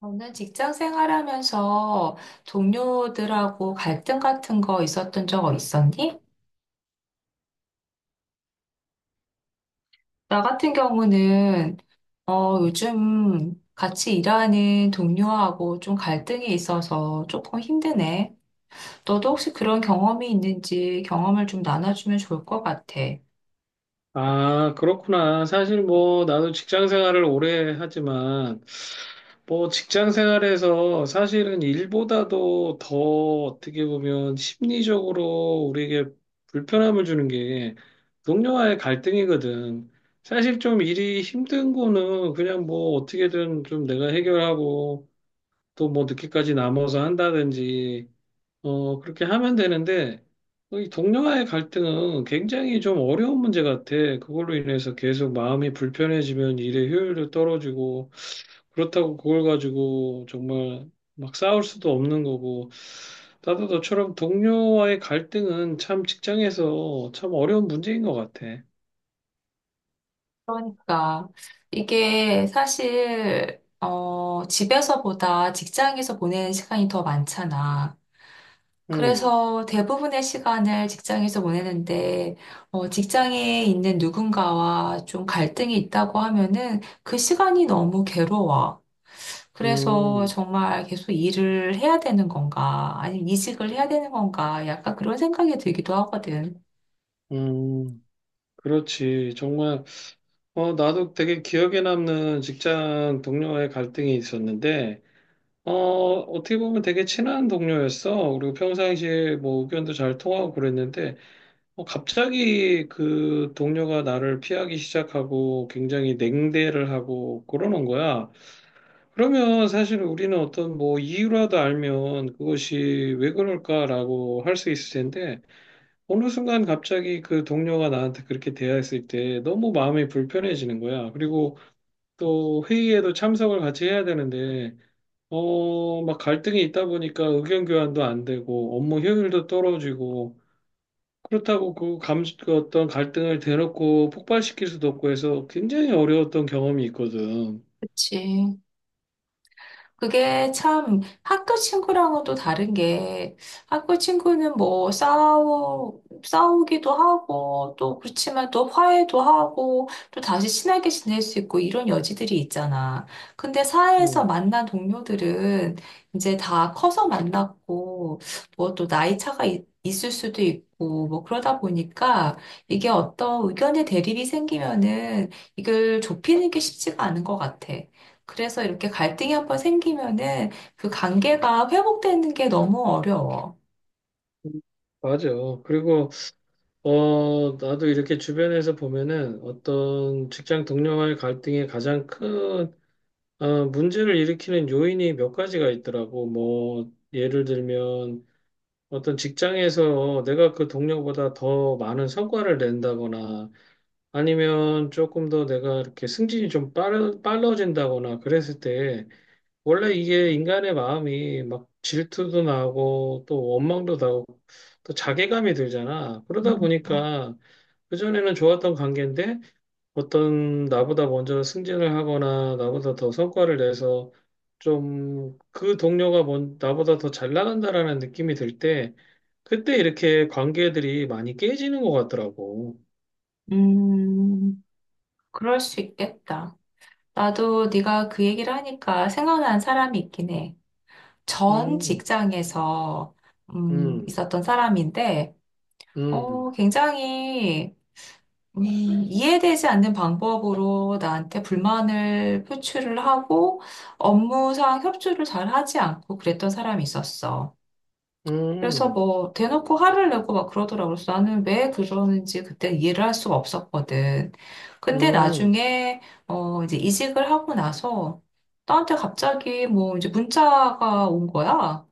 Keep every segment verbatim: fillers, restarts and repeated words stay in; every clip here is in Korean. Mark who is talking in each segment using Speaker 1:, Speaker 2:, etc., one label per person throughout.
Speaker 1: 저는 직장 생활하면서 동료들하고 갈등 같은 거 있었던 적 있었니? 나 같은 경우는 어, 요즘 같이 일하는 동료하고 좀 갈등이 있어서 조금 힘드네. 너도 혹시 그런 경험이 있는지 경험을 좀 나눠주면 좋을 것 같아.
Speaker 2: 아, 그렇구나. 사실 뭐, 나도 직장 생활을 오래 하지만, 뭐, 직장 생활에서 사실은 일보다도 더 어떻게 보면 심리적으로 우리에게 불편함을 주는 게 동료와의 갈등이거든. 사실 좀 일이 힘든 거는 그냥 뭐, 어떻게든 좀 내가 해결하고, 또 뭐, 늦게까지 남아서 한다든지, 어, 그렇게 하면 되는데, 어, 이 동료와의 갈등은 굉장히 좀 어려운 문제 같아. 그걸로 인해서 계속 마음이 불편해지면 일의 효율도 떨어지고, 그렇다고 그걸 가지고 정말 막 싸울 수도 없는 거고, 나도 너처럼 동료와의 갈등은 참 직장에서 참 어려운 문제인 것 같아.
Speaker 1: 그러니까 이게 사실 어, 집에서보다 직장에서 보내는 시간이 더 많잖아.
Speaker 2: 음.
Speaker 1: 그래서 대부분의 시간을 직장에서 보내는데, 어, 직장에 있는 누군가와 좀 갈등이 있다고 하면은 그 시간이 너무 괴로워. 그래서
Speaker 2: 음.
Speaker 1: 정말 계속 일을 해야 되는 건가, 아니면 이직을 해야 되는 건가, 약간 그런 생각이 들기도 하거든.
Speaker 2: 음. 그렇지. 정말, 어, 나도 되게 기억에 남는 직장 동료와의 갈등이 있었는데, 어, 어떻게 보면 되게 친한 동료였어. 그리고 평상시에 뭐 의견도 잘 통하고 그랬는데, 어, 갑자기 그 동료가 나를 피하기 시작하고 굉장히 냉대를 하고 그러는 거야. 그러면 사실 우리는 어떤 뭐 이유라도 알면 그것이 왜 그럴까라고 할 수 있을 텐데, 어느 순간 갑자기 그 동료가 나한테 그렇게 대했을 때 너무 마음이 불편해지는 거야. 그리고 또 회의에도 참석을 같이 해야 되는데, 어, 막 갈등이 있다 보니까 의견 교환도 안 되고 업무 효율도 떨어지고 그렇다고 그 감, 그 어떤 갈등을 대놓고 폭발시킬 수도 없고 해서 굉장히 어려웠던 경험이 있거든.
Speaker 1: 그치. 그게 참 학교 친구랑은 또 다른 게 학교 친구는 뭐 싸우 싸우기도 하고 또 그렇지만 또 화해도 하고 또 다시 친하게 지낼 수 있고 이런 여지들이 있잖아. 근데 사회에서
Speaker 2: 음.
Speaker 1: 만난 동료들은 이제 다 커서 만났고 뭐 또 나이 차가 있, 있을 수도 있고 뭐 그러다 보니까 이게 어떤 의견의 대립이 생기면은 이걸 좁히는 게 쉽지가 않은 것 같아. 그래서 이렇게 갈등이 한번 생기면은 그 관계가 회복되는 게 너무 어려워.
Speaker 2: 맞아. 그리고 어 나도 이렇게 주변에서 보면은 어떤 직장 동료와의 갈등의 가장 큰 어, 문제를 일으키는 요인이 몇 가지가 있더라고. 뭐 예를 들면 어떤 직장에서 내가 그 동료보다 더 많은 성과를 낸다거나 아니면 조금 더 내가 이렇게 승진이 좀 빠르, 빨라진다거나 그랬을 때 원래 이게 인간의 마음이 막 질투도 나고 또 원망도 나고 또 자괴감이 들잖아. 그러다 보니까 그전에는 좋았던 관계인데 어떤 나보다 먼저 승진을 하거나 나보다 더 성과를 내서 좀 그 동료가 뭔 나보다 더 잘 나간다라는 느낌이 들 때 그때 이렇게 관계들이 많이 깨지는 것 같더라고.
Speaker 1: 음, 그럴 수 있겠다. 나도 네가 그 얘기를 하니까 생각난 사람이 있긴 해. 전
Speaker 2: 음.
Speaker 1: 직장에서 음,
Speaker 2: 음.
Speaker 1: 있었던 사람인데,
Speaker 2: 음.
Speaker 1: 어, 굉장히 음, 이해되지 않는 방법으로 나한테 불만을 표출을 하고 업무상 협조를 잘 하지 않고 그랬던 사람이 있었어. 그래서
Speaker 2: 음.
Speaker 1: 뭐 대놓고 화를 내고 막 그러더라고요. 그래서 나는 왜 그러는지 그때 이해를 할 수가 없었거든. 근데
Speaker 2: 음. 음.
Speaker 1: 나중에 어 이제 이직을 하고 나서 나한테 갑자기 뭐 이제 문자가 온 거야.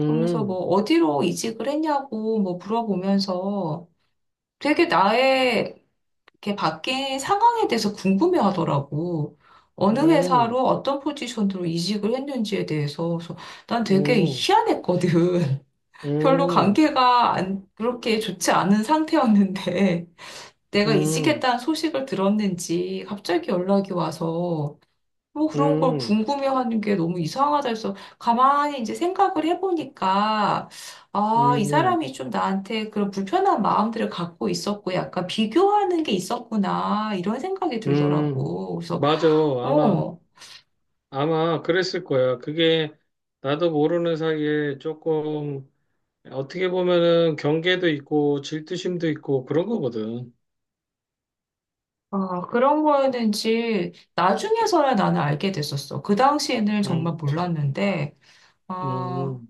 Speaker 1: 그러면서 뭐 어디로 이직을 했냐고 뭐 물어보면서 되게 나의 이렇게 바뀐 상황에 대해서 궁금해 하더라고. 어느
Speaker 2: 음.
Speaker 1: 회사로 어떤 포지션으로 이직을 했는지에 대해서. 그래서 난 되게
Speaker 2: 음.
Speaker 1: 희한했거든. 별로
Speaker 2: 음.
Speaker 1: 관계가 안, 그렇게 좋지 않은 상태였는데 내가 이직했다는 소식을 들었는지 갑자기 연락이 와서 뭐 그런 걸
Speaker 2: 음.
Speaker 1: 궁금해하는 게 너무 이상하다 해서 가만히 이제 생각을 해보니까 아, 이
Speaker 2: 음.
Speaker 1: 사람이 좀 나한테 그런 불편한 마음들을 갖고 있었고 약간 비교하는 게 있었구나 이런 생각이
Speaker 2: 음.
Speaker 1: 들더라고. 그래서
Speaker 2: 맞아. 아마
Speaker 1: 어,
Speaker 2: 아마 그랬을 거야. 그게 나도 모르는 사이에 조금 어떻게 보면은 경계도 있고 질투심도 있고 그런 거거든.
Speaker 1: 아, 그런 거였는지 나중에서야 나는 알게 됐었어. 그 당시에는
Speaker 2: 음.
Speaker 1: 정말 몰랐는데 아,
Speaker 2: 음.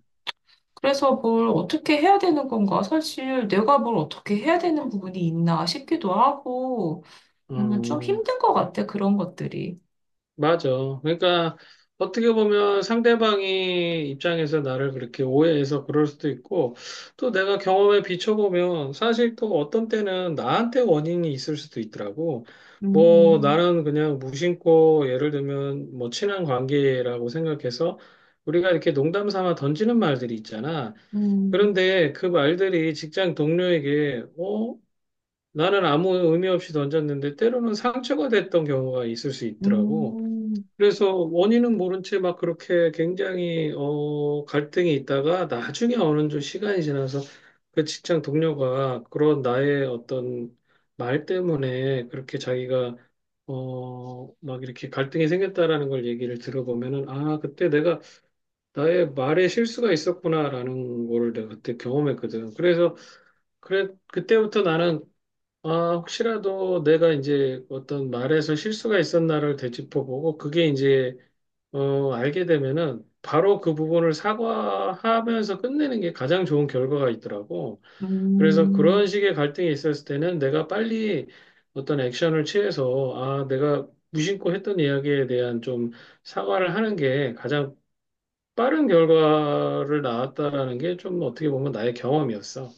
Speaker 1: 그래서 뭘 어떻게 해야 되는 건가? 사실 내가 뭘 어떻게 해야 되는 부분이 있나 싶기도 하고, 음, 좀
Speaker 2: 음.
Speaker 1: 힘든 것 같아, 그런 것들이.
Speaker 2: 맞아. 그러니까 어떻게 보면 상대방이 입장에서 나를 그렇게 오해해서 그럴 수도 있고, 또 내가 경험에 비춰보면 사실 또 어떤 때는 나한테 원인이 있을 수도 있더라고. 뭐
Speaker 1: 음,
Speaker 2: 나는 그냥 무심코 예를 들면 뭐 친한 관계라고 생각해서 우리가 이렇게 농담 삼아 던지는 말들이 있잖아.
Speaker 1: 음,
Speaker 2: 그런데 그 말들이 직장 동료에게 어? 나는 아무 의미 없이 던졌는데 때로는 상처가 됐던 경우가 있을 수 있더라고.
Speaker 1: 음,
Speaker 2: 그래서 원인은 모른 채 막 그렇게 굉장히 어 갈등이 있다가 나중에 어느 좀 시간이 지나서 그 직장 동료가 그런 나의 어떤 말 때문에 그렇게 자기가 어 막 이렇게 갈등이 생겼다라는 걸 얘기를 들어보면은 아 그때 내가 나의 말에 실수가 있었구나라는 거를 내가 그때 경험했거든. 그래서 그래 그때부터 나는 아, 혹시라도 내가 이제 어떤 말에서 실수가 있었나를 되짚어보고 그게 이제 어, 알게 되면은 바로 그 부분을 사과하면서 끝내는 게 가장 좋은 결과가 있더라고.
Speaker 1: 음.
Speaker 2: 그래서 그런
Speaker 1: 음.
Speaker 2: 식의 갈등이 있었을 때는 내가 빨리 어떤 액션을 취해서 아, 내가 무심코 했던 이야기에 대한 좀 사과를 하는 게 가장 빠른 결과를 낳았다라는 게 좀 어떻게 보면 나의 경험이었어.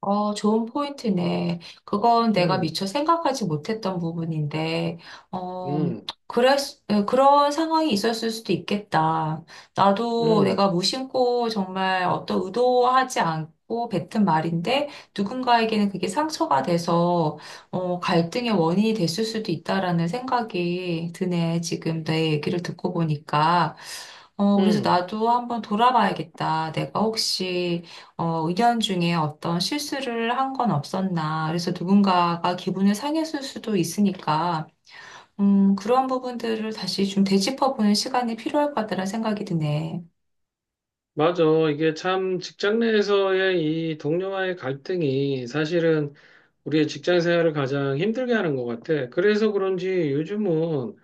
Speaker 1: 어, 좋은 포인트네. 그건 내가
Speaker 2: 음.
Speaker 1: 미처 생각하지 못했던 부분인데, 어,
Speaker 2: 음.
Speaker 1: 그랬, 에, 그런 상황이 있었을 수도 있겠다. 나도
Speaker 2: 음.
Speaker 1: 내가 무심코 정말 어떤 의도하지 않고 뱉은 말인데, 누군가에게는 그게 상처가 돼서, 어, 갈등의 원인이 됐을 수도 있다라는 생각이 드네. 지금 내 얘기를 듣고 보니까. 어, 그래서
Speaker 2: 음.
Speaker 1: 나도 한번 돌아봐야겠다. 내가 혹시 어, 의견 중에 어떤 실수를 한 건 없었나. 그래서 누군가가 기분을 상했을 수도 있으니까, 음, 그런 부분들을 다시 좀 되짚어보는 시간이 필요할 것 같다는 생각이 드네.
Speaker 2: 맞아. 이게 참 직장 내에서의 이 동료와의 갈등이 사실은 우리의 직장 생활을 가장 힘들게 하는 것 같아. 그래서 그런지 요즘은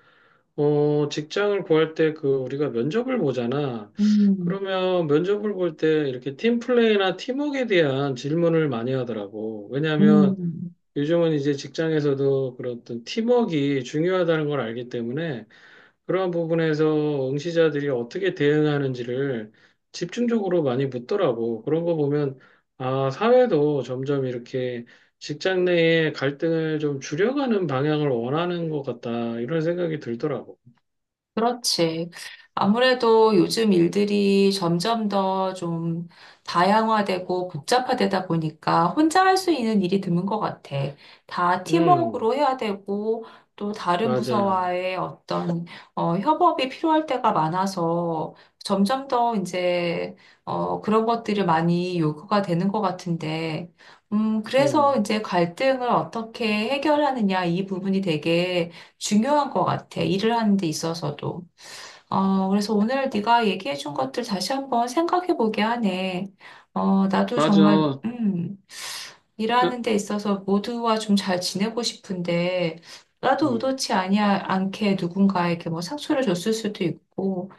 Speaker 2: 어, 직장을 구할 때 그 우리가 면접을 보잖아.
Speaker 1: 음,
Speaker 2: 그러면 면접을 볼 때 이렇게 팀플레이나 팀워크에 대한 질문을 많이 하더라고. 왜냐하면
Speaker 1: 음.
Speaker 2: 요즘은 이제 직장에서도 그런 어떤 팀워크가 중요하다는 걸 알기 때문에 그러한 부분에서 응시자들이 어떻게 대응하는지를 집중적으로 많이 묻더라고. 그런 거 보면, 아, 사회도 점점 이렇게 직장 내의 갈등을 좀 줄여가는 방향을 원하는 것 같다. 이런 생각이 들더라고.
Speaker 1: 그렇지. 아무래도 요즘 일들이 점점 더 좀 다양화되고 복잡화되다 보니까 혼자 할 수 있는 일이 드문 것 같아. 다
Speaker 2: 음.
Speaker 1: 팀워크로 해야 되고 또 다른
Speaker 2: 맞아.
Speaker 1: 부서와의 어떤 어, 협업이 필요할 때가 많아서 점점 더 이제 어, 그런 것들이 많이 요구가 되는 것 같은데, 음, 그래서
Speaker 2: 음.
Speaker 1: 이제 갈등을 어떻게 해결하느냐 이 부분이 되게 중요한 것 같아. 일을 하는 데 있어서도. 어, 그래서 오늘 네가 얘기해 준 것들 다시 한번 생각해 보게 하네. 어, 나도 정말,
Speaker 2: 맞아.
Speaker 1: 음, 일하는
Speaker 2: 그,
Speaker 1: 데 있어서 모두와 좀 잘 지내고 싶은데, 나도
Speaker 2: 음.
Speaker 1: 의도치 아니야, 않게 누군가에게 뭐 상처를 줬을 수도 있고,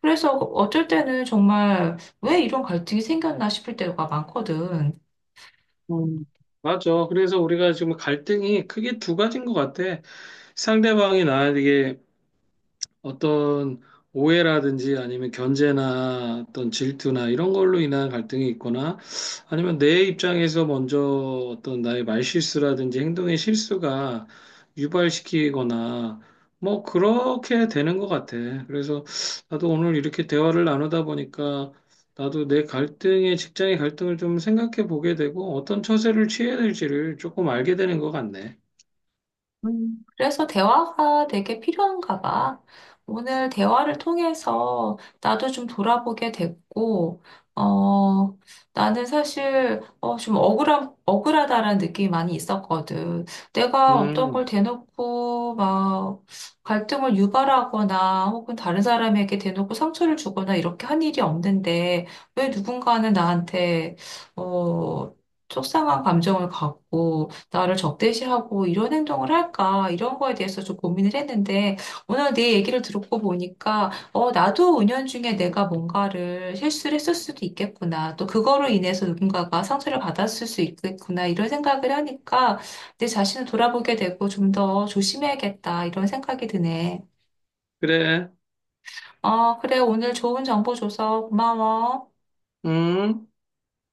Speaker 1: 그래서 어쩔 때는 정말 왜 이런 갈등이 생겼나 싶을 때가 많거든.
Speaker 2: 음. 맞아. 그래서 우리가 지금 갈등이 크게 두 가지인 것 같아. 상대방이 나에게 어떤 오해라든지 아니면 견제나 어떤 질투나 이런 걸로 인한 갈등이 있거나 아니면 내 입장에서 먼저 어떤 나의 말실수라든지 행동의 실수가 유발시키거나 뭐 그렇게 되는 것 같아. 그래서 나도 오늘 이렇게 대화를 나누다 보니까 나도 내 갈등의 직장의 갈등을 좀 생각해 보게 되고 어떤 처세를 취해야 될지를 조금 알게 되는 것 같네.
Speaker 1: 음, 그래서 대화가 되게 필요한가 봐. 오늘 대화를 통해서 나도 좀 돌아보게 됐고, 어, 나는 사실, 어, 좀 억울함, 억울하다라는 느낌이 많이 있었거든. 내가 어떤 걸
Speaker 2: 음.
Speaker 1: 대놓고 막 갈등을 유발하거나 혹은 다른 사람에게 대놓고 상처를 주거나 이렇게 한 일이 없는데, 왜 누군가는 나한테, 어, 속상한 감정을 갖고, 나를 적대시하고 이런 행동을 할까? 이런 거에 대해서 좀 고민을 했는데 오늘 네 얘기를 듣고 보니까 어, 나도 은연중에 내가 뭔가를 실수를 했을 수도 있겠구나. 또 그거로 인해서 누군가가 상처를 받았을 수 있겠구나. 이런 생각을 하니까 내 자신을 돌아보게 되고 좀 더 조심해야겠다. 이런 생각이 드네.
Speaker 2: 그래.
Speaker 1: 어, 그래. 오늘 좋은 정보 줘서 고마워.
Speaker 2: 음.